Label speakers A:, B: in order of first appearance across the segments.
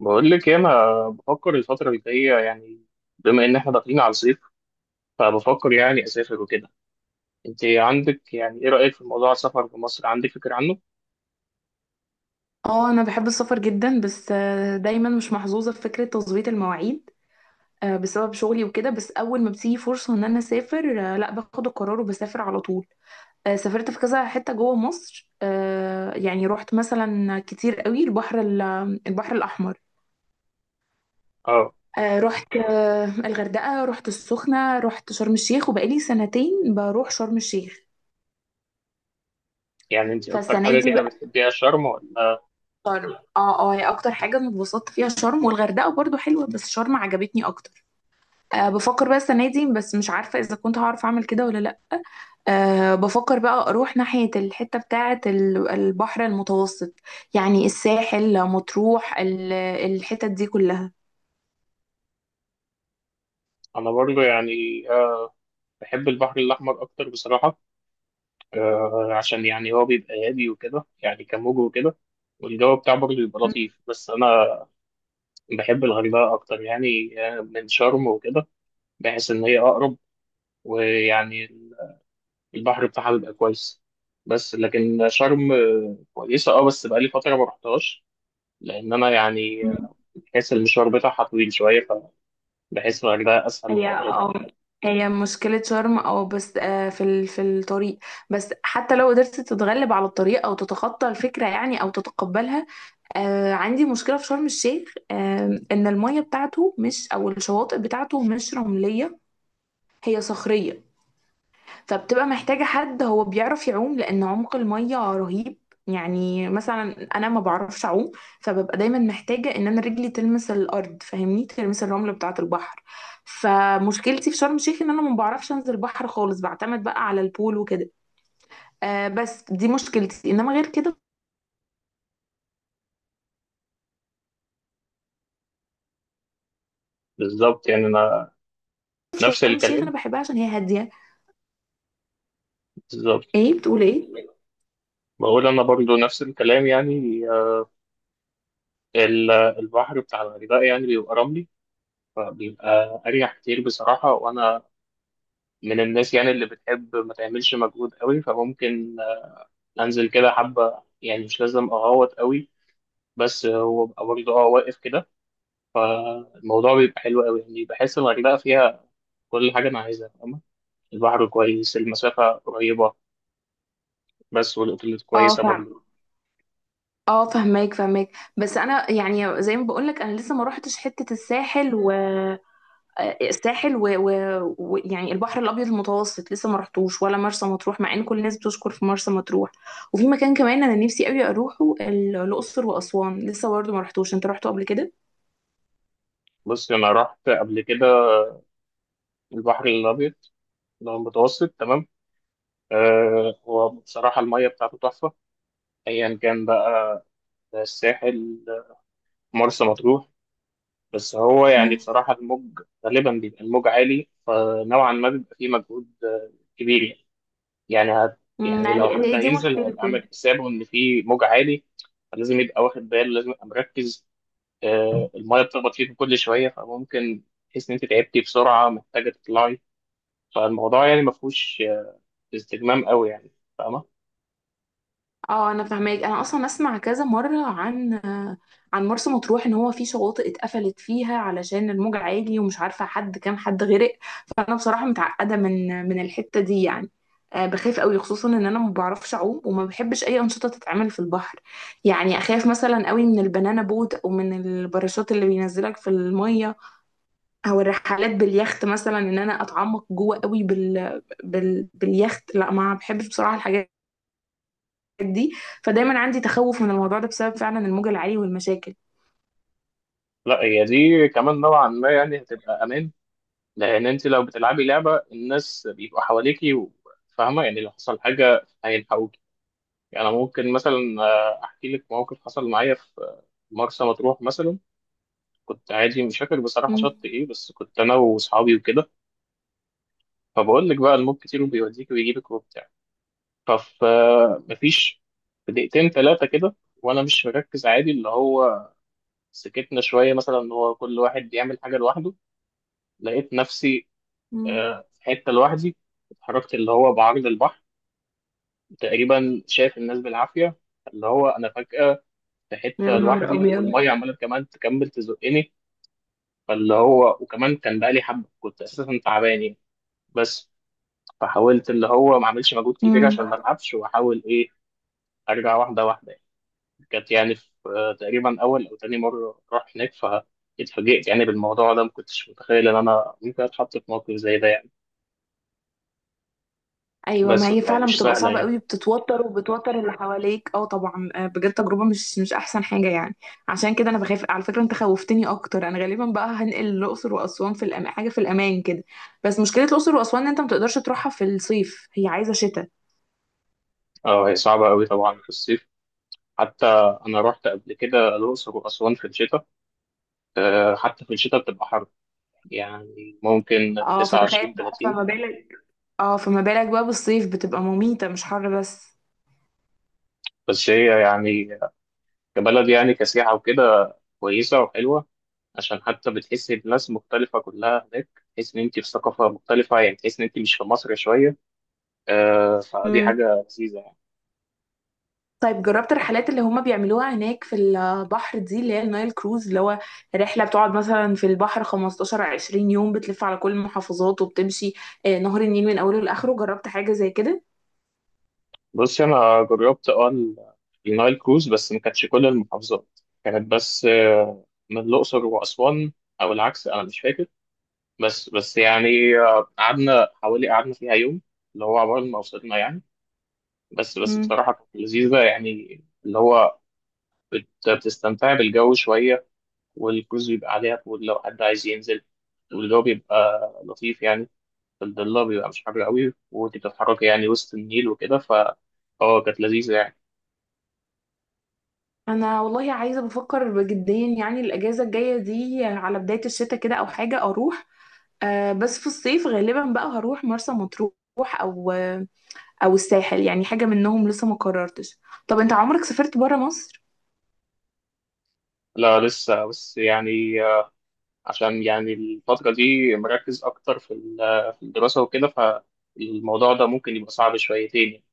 A: بقول لك إيه، انا بفكر الفتره اللي جايه يعني بما ان احنا داخلين على الصيف فبفكر يعني اسافر وكده. انت عندك يعني ايه رايك في موضوع السفر في مصر؟ عندك فكره عنه؟
B: اه، انا بحب السفر جدا. بس دايما مش محظوظه في فكره تظبيط المواعيد بسبب شغلي وكده. بس اول ما بتيجي فرصه ان انا اسافر، لا، باخد القرار وبسافر على طول. سافرت في كذا حته جوه مصر. يعني رحت مثلا كتير قوي البحر البحر الاحمر.
A: اه.
B: رحت الغردقه، رحت السخنه، رحت شرم الشيخ، وبقالي سنتين بروح شرم الشيخ.
A: يعني انت اكتر
B: فالسنه
A: حاجه
B: دي
A: كده
B: بقى
A: بتحبيها شرم ولا؟
B: شرم. اه اه، هي اكتر حاجه انا اتبسطت فيها شرم، والغردقه برضو حلوه بس شرم عجبتني اكتر. أه، بفكر بقى السنة دي بس مش عارفة إذا كنت هعرف أعمل كده ولا لأ. أه، بفكر بقى أروح ناحية الحتة بتاعة البحر المتوسط. يعني الساحل، مطروح، الحتت دي كلها.
A: انا برضه يعني آه، بحب البحر الاحمر اكتر بصراحه. عشان يعني هو بيبقى هادي وكده يعني كموج وكده، والجو بتاعه برضه بيبقى لطيف. بس انا بحب الغردقه اكتر يعني من شرم وكده. بحس ان هي اقرب ويعني البحر بتاعها بيبقى كويس. بس لكن شرم كويسة. اه، بس بقالي فترة ما رحتهاش لأن أنا يعني
B: مم.
A: بحس المشوار بتاعها طويل شوية، فبحس إن الغردقة أسهل
B: هي
A: وأقرب.
B: اه هي مشكلة شرم أو بس في في الطريق. بس حتى لو قدرت تتغلب على الطريق أو تتخطى الفكرة يعني أو تتقبلها، عندي مشكلة في شرم الشيخ إن المية بتاعته مش، أو الشواطئ بتاعته مش رملية، هي صخرية. فبتبقى محتاجة حد هو بيعرف يعوم لأن عمق المية رهيب. يعني مثلا أنا ما بعرفش أعوم، فببقى دايما محتاجة إن أنا رجلي تلمس الأرض، فاهمني، تلمس الرملة بتاعة البحر. فمشكلتي في شرم الشيخ إن أنا ما بعرفش أنزل البحر خالص، بعتمد بقى على البول وكده. بس دي مشكلتي، إنما غير كده
A: بالظبط يعني أنا
B: في
A: نفس
B: شرم الشيخ أنا
A: الكلام
B: بحبها عشان هي هادية.
A: بالظبط.
B: إيه بتقول إيه؟
A: بقول أنا برضو نفس الكلام يعني. ال- البحر بتاع الغردقة يعني بيبقى رملي، فبيبقى أريح كتير بصراحة. وأنا من الناس يعني اللي بتحب ما تعملش مجهود قوي، فممكن أنزل كده حبة يعني مش لازم أغوط قوي، بس هو بقى برضه اه واقف كده. الموضوع بيبقى حلو قوي يعني، بحس الغردقة فيها كل حاجة أنا عايزها، فاهمة؟ البحر كويس، المسافة قريبة، بس والأوتيلات
B: اه،
A: كويسة برضه.
B: فاهم. اه، فهماك فهماك. بس انا يعني زي ما بقولك، انا لسه ما روحتش حتة الساحل. الساحل ويعني يعني البحر الابيض المتوسط لسه ما رحتوش، ولا مرسى مطروح، مع ان كل الناس بتشكر في مرسى مطروح. وفي مكان كمان انا نفسي قوي اروحه، الاقصر واسوان لسه برضه ما رحتوش. انت رحته قبل كده؟
A: بص أنا رحت قبل كده البحر الأبيض اللي هو المتوسط، تمام. آه، هو بصراحة المية بتاعته تحفة، أيا كان بقى، الساحل، مرسى مطروح. بس هو يعني
B: مم.
A: بصراحة الموج غالبا بيبقى الموج عالي، فنوعا ما بيبقى فيه مجهود كبير يعني. يعني هت، يعني
B: يعني
A: لو حد
B: هي دي
A: هينزل هيبقى
B: مشكلته.
A: عامل حسابه ان في موج عالي، فلازم يبقى واخد باله، لازم يبقى مركز. آه، المايه بتخبط فيك كل شويه، فممكن تحس ان انت تعبتي بسرعه، محتاجه تطلعي. فالموضوع يعني ما فيهوش استجمام قوي يعني، فاهمه؟
B: اه انا فاهماك. انا اصلا اسمع كذا مره عن، عن مرسى مطروح ان هو في شواطئ اتقفلت فيها علشان الموج عالي. ومش عارفه كام حد غرق. فانا بصراحه متعقده من الحته دي يعني. بخاف قوي، خصوصا ان انا ما بعرفش اعوم وما بحبش اي انشطه تتعمل في البحر. يعني اخاف مثلا قوي من البنانا بوت، او من الباراشوت اللي بينزلك في الميه، او الرحلات باليخت مثلا، ان انا اتعمق جوه قوي باليخت. لا، ما بحبش بصراحه الحاجات دي. فدايما عندي تخوف من الموضوع ده بسبب فعلا الموج العالي والمشاكل.
A: لا، هي دي كمان نوعا ما يعني هتبقى امان، لان انت لو بتلعبي لعبه الناس بيبقوا حواليكي و-، فاهمه يعني لو حصل حاجه هيلحقوكي. يعني أنا ممكن مثلا احكي لك موقف حصل معايا في مرسى مطروح مثلا. كنت عادي مش فاكر بصراحة
B: مم.
A: شط إيه، بس كنت أنا وأصحابي وكده. فبقول لك بقى الموج كتير وبيوديك ويجيبك وبتاع، فف مفيش، في دقيقتين تلاتة كده وأنا مش مركز عادي، اللي هو سكتنا شوية مثلا إن هو كل واحد بيعمل حاجة لوحده، لقيت نفسي
B: مم.
A: في حتة لوحدي. اتحركت اللي هو بعرض البحر، تقريبا شايف الناس بالعافية. اللي هو أنا فجأة في
B: يا
A: حتة
B: نهار
A: لوحدي،
B: ابيض.
A: والمية عمالة كمان تكمل تزقني. فاللي هو وكمان كان بقالي حبة كنت أساسا تعبان يعني، بس فحاولت اللي هو ما اعملش مجهود كبير
B: مم.
A: عشان ما اتعبش، واحاول ايه ارجع واحده واحده يعني. كانت يعني في تقريبا اول او تاني مره اروح هناك، فاتفاجئت يعني بالموضوع ده، ما كنتش متخيل ان انا ممكن اتحط في موقف زي ده يعني،
B: ايوه، ما
A: بس
B: هي
A: بتبقى
B: فعلا
A: مش
B: بتبقى
A: سهله
B: صعبه
A: يعني.
B: قوي، بتتوتر وبتوتر اللي حواليك. اه طبعا، بجد تجربه مش احسن حاجه يعني. عشان كده انا بخاف. على فكره انت خوفتني اكتر. انا غالبا بقى هنقل الاقصر واسوان، في حاجه في الامان كده. بس مشكله الاقصر واسوان ان انت ما تقدرش تروحها في الصيف، هي عايزه شتاء.
A: اه، هي صعبه قوي طبعا في الصيف. حتى انا رحت قبل كده الاقصر واسوان في الشتاء، حتى في الشتاء بتبقى حر يعني، ممكن
B: اه، فتخيل
A: 29
B: بقى،
A: 30.
B: فما بالك. اه، فما بالك بقى بالصيف، بتبقى مميته مش حر بس.
A: بس هي يعني كبلد يعني كسياحه وكده كويسه وحلوه، عشان حتى بتحسي الناس مختلفة كلها هناك، تحس إن أنت في ثقافة مختلفة يعني، تحس إن أنت مش في مصر شوية. آه، فدي حاجة لذيذة يعني.
B: طيب، جربت الرحلات اللي هما بيعملوها هناك في البحر دي، اللي هي النايل كروز، اللي هو رحلة بتقعد مثلا في البحر 15 20 يوم، بتلف على كل المحافظات وبتمشي نهر النيل من أوله لآخره؟ جربت حاجة زي كده؟
A: بصي أنا جربت أه ال- النايل كروز، بس ما كانتش كل المحافظات، كانت بس آه من الأقصر وأسوان أو العكس أنا مش فاكر. بس يعني قعدنا حوالي، قعدنا فيها يوم اللي هو عبال ما وصلنا يعني. بس
B: مم.
A: بصراحة كانت لذيذة يعني، اللي هو بتستمتعي بالجو شوية، والكروز بيبقى عليها طول لو حد عايز ينزل، والجو بيبقى لطيف يعني. في الضلة بيبقى مش حر قوي وانت بتتحركي يعني وسط النيل وكده، ف اه كانت لذيذة يعني.
B: أنا والله عايزة، بفكر بجديا يعني الأجازة الجاية دي على بداية الشتاء كده أو حاجة أروح. بس في الصيف غالبا بقى هروح مرسى مطروح. أو آه، أو الساحل يعني، حاجة منهم لسه ما قررتش. طب أنت عمرك سافرت برا مصر؟
A: لا لسه، بس يعني عشان يعني الفترة دي مركز أكتر في ال- في الدراسة وكده، فالموضوع ده ممكن يبقى صعب شويتين يعني.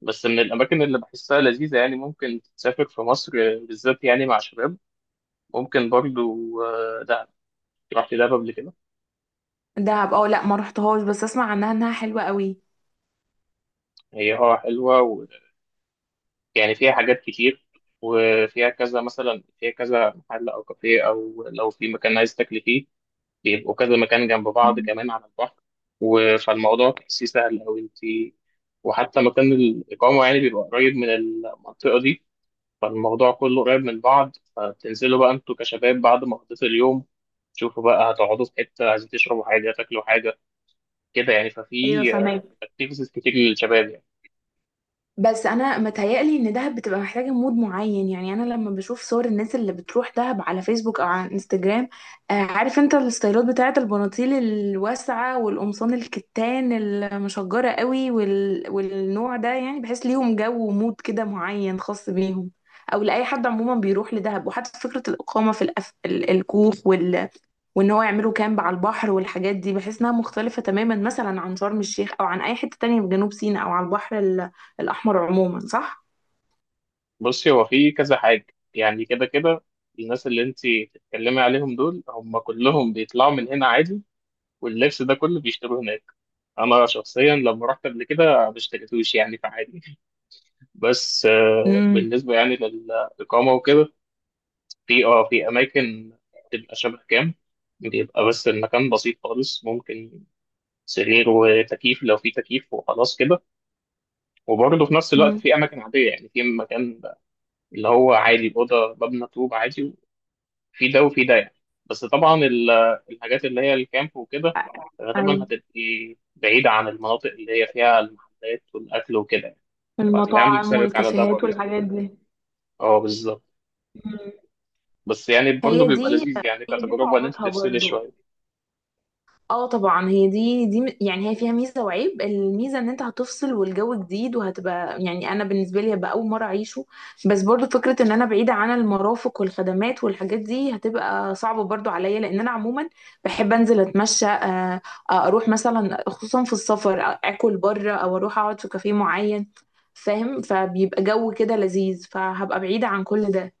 A: بس من الأماكن اللي بحسها لذيذة يعني ممكن تسافر في مصر، بالذات يعني مع شباب، ممكن برضو دهب. رحت دهب قبل كده.
B: دهب؟ اه لا، ما رحتهاش، بس اسمع عنها انها حلوة قوي.
A: هي اه حلوة يعني، فيها حاجات كتير، وفيها كذا مثلا، فيها كذا محل أو كافيه أو لو في مكان عايز تاكل فيه بيبقوا كذا مكان جنب بعض
B: مم.
A: كمان على البحر و-، فالموضوع تحسيه سهل أوي أنت. وحتى مكان الإقامة يعني بيبقى قريب من المنطقة دي، فالموضوع كله قريب من بعض. فبتنزلوا بقى أنتوا كشباب بعد ما قضيت اليوم، تشوفوا بقى هتقعدوا في حتة، عايزين تشربوا حاجة تاكلوا حاجة كده يعني.
B: ايوه،
A: ففي
B: فاهمك.
A: اكتيفيتيز كتير للشباب يعني.
B: بس انا متهيألي ان دهب بتبقى محتاجه مود معين. يعني انا لما بشوف صور الناس اللي بتروح دهب على فيسبوك او على انستجرام، عارف انت الستايلات بتاعه البناطيل الواسعه والقمصان الكتان المشجره قوي والنوع ده، يعني بحس ليهم جو ومود كده معين خاص بيهم، او لاي حد عموما بيروح لدهب. وحتى فكره الاقامه في الكوخ وان هو يعملوا كامب على البحر والحاجات دي، بحس انها مختلفه تماما مثلا عن شرم الشيخ، او عن اي حته تانية في جنوب سيناء او على البحر الأحمر عموما، صح؟
A: بصي هو في كذا حاجة يعني. كده كده الناس اللي انت بتتكلمي عليهم دول هم كلهم بيطلعوا من هنا عادي، واللبس ده كله بيشتروه هناك. انا شخصيا لما رحت قبل كده ما اشتريتوش يعني، فعادي. بس
B: امم.
A: بالنسبة يعني للإقامة وكده، في اه في أماكن بتبقى شبه كام، بيبقى بس المكان بسيط خالص، ممكن سرير وتكييف لو في تكييف وخلاص كده. وبرضه في نفس الوقت
B: امم.
A: في أماكن عادية يعني، في مكان اللي هو عادي أوضة مبنى طوب عادي، في ده وفي ده يعني. بس طبعا ال- الحاجات اللي هي الكامب وكده
B: أ-
A: غالبا
B: أيوة.
A: هتبقي بعيدة عن المناطق اللي هي فيها المحلات والأكل وكده يعني، فهتبقي عامل
B: المطاعم
A: حسابك على ده
B: والكافيهات
A: برضه.
B: والحاجات دي.
A: اه بالظبط.
B: مم.
A: بس يعني برضه
B: هي
A: بيبقى
B: دي
A: لذيذ يعني
B: هي دي
A: كتجربة إن أنت
B: صعوبتها
A: تفصلي
B: برضو.
A: شوية.
B: اه طبعا، هي دي يعني هي فيها ميزه وعيب. الميزه ان انت هتفصل والجو جديد، وهتبقى يعني انا بالنسبه لي هبقى اول مره اعيشه. بس برضو فكره ان انا بعيده عن المرافق والخدمات والحاجات دي هتبقى صعبه برضو عليا، لان انا عموما بحب انزل اتمشى. اروح مثلا، خصوصا في السفر اكل بره، او اروح اقعد في كافيه معين، فاهم؟ فبيبقى جو كده لذيذ، فهبقى بعيده عن كل ده.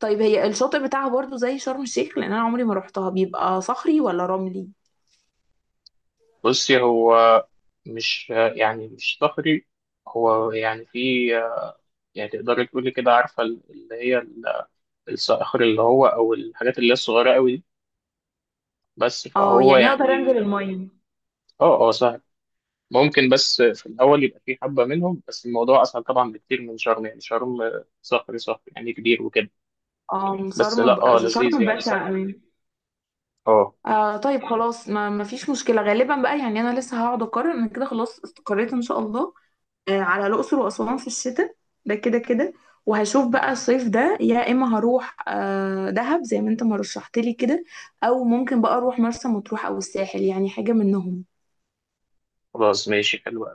B: طيب، هي الشاطئ بتاعها برضو زي شرم الشيخ؟ لان انا عمري ما روحتها. بيبقى صخري ولا رملي؟
A: بصي هو مش، يعني مش صخري، هو يعني في، يعني تقدري تقولي كده عارفة اللي هي ال- الصخر اللي هو أو الحاجات اللي هي الصغيرة أوي دي، بس
B: اه،
A: فهو
B: يعني اقدر
A: يعني
B: انزل الميه.
A: اه اه سهل. ممكن بس في الأول يبقى في حبة منهم، بس الموضوع أسهل طبعا بكتير من شرم، يعني شرم صخري صخري يعني كبير وكده.
B: اه،
A: بس لا اه لذيذ
B: شرم
A: يعني
B: بشع
A: سهل.
B: قوي.
A: اه،
B: طيب خلاص، ما فيش مشكله غالبا بقى. يعني انا لسه هقعد اقرر. انا كده خلاص استقريت ان شاء الله على الاقصر واسوان في الشتاء، ده كده كده. وهشوف بقى الصيف ده، يا اما هروح دهب زي ما انت ما رشحت لي كده، او ممكن بقى اروح مرسى مطروح او الساحل، يعني حاجه منهم.
A: خلاص ماشي حلو.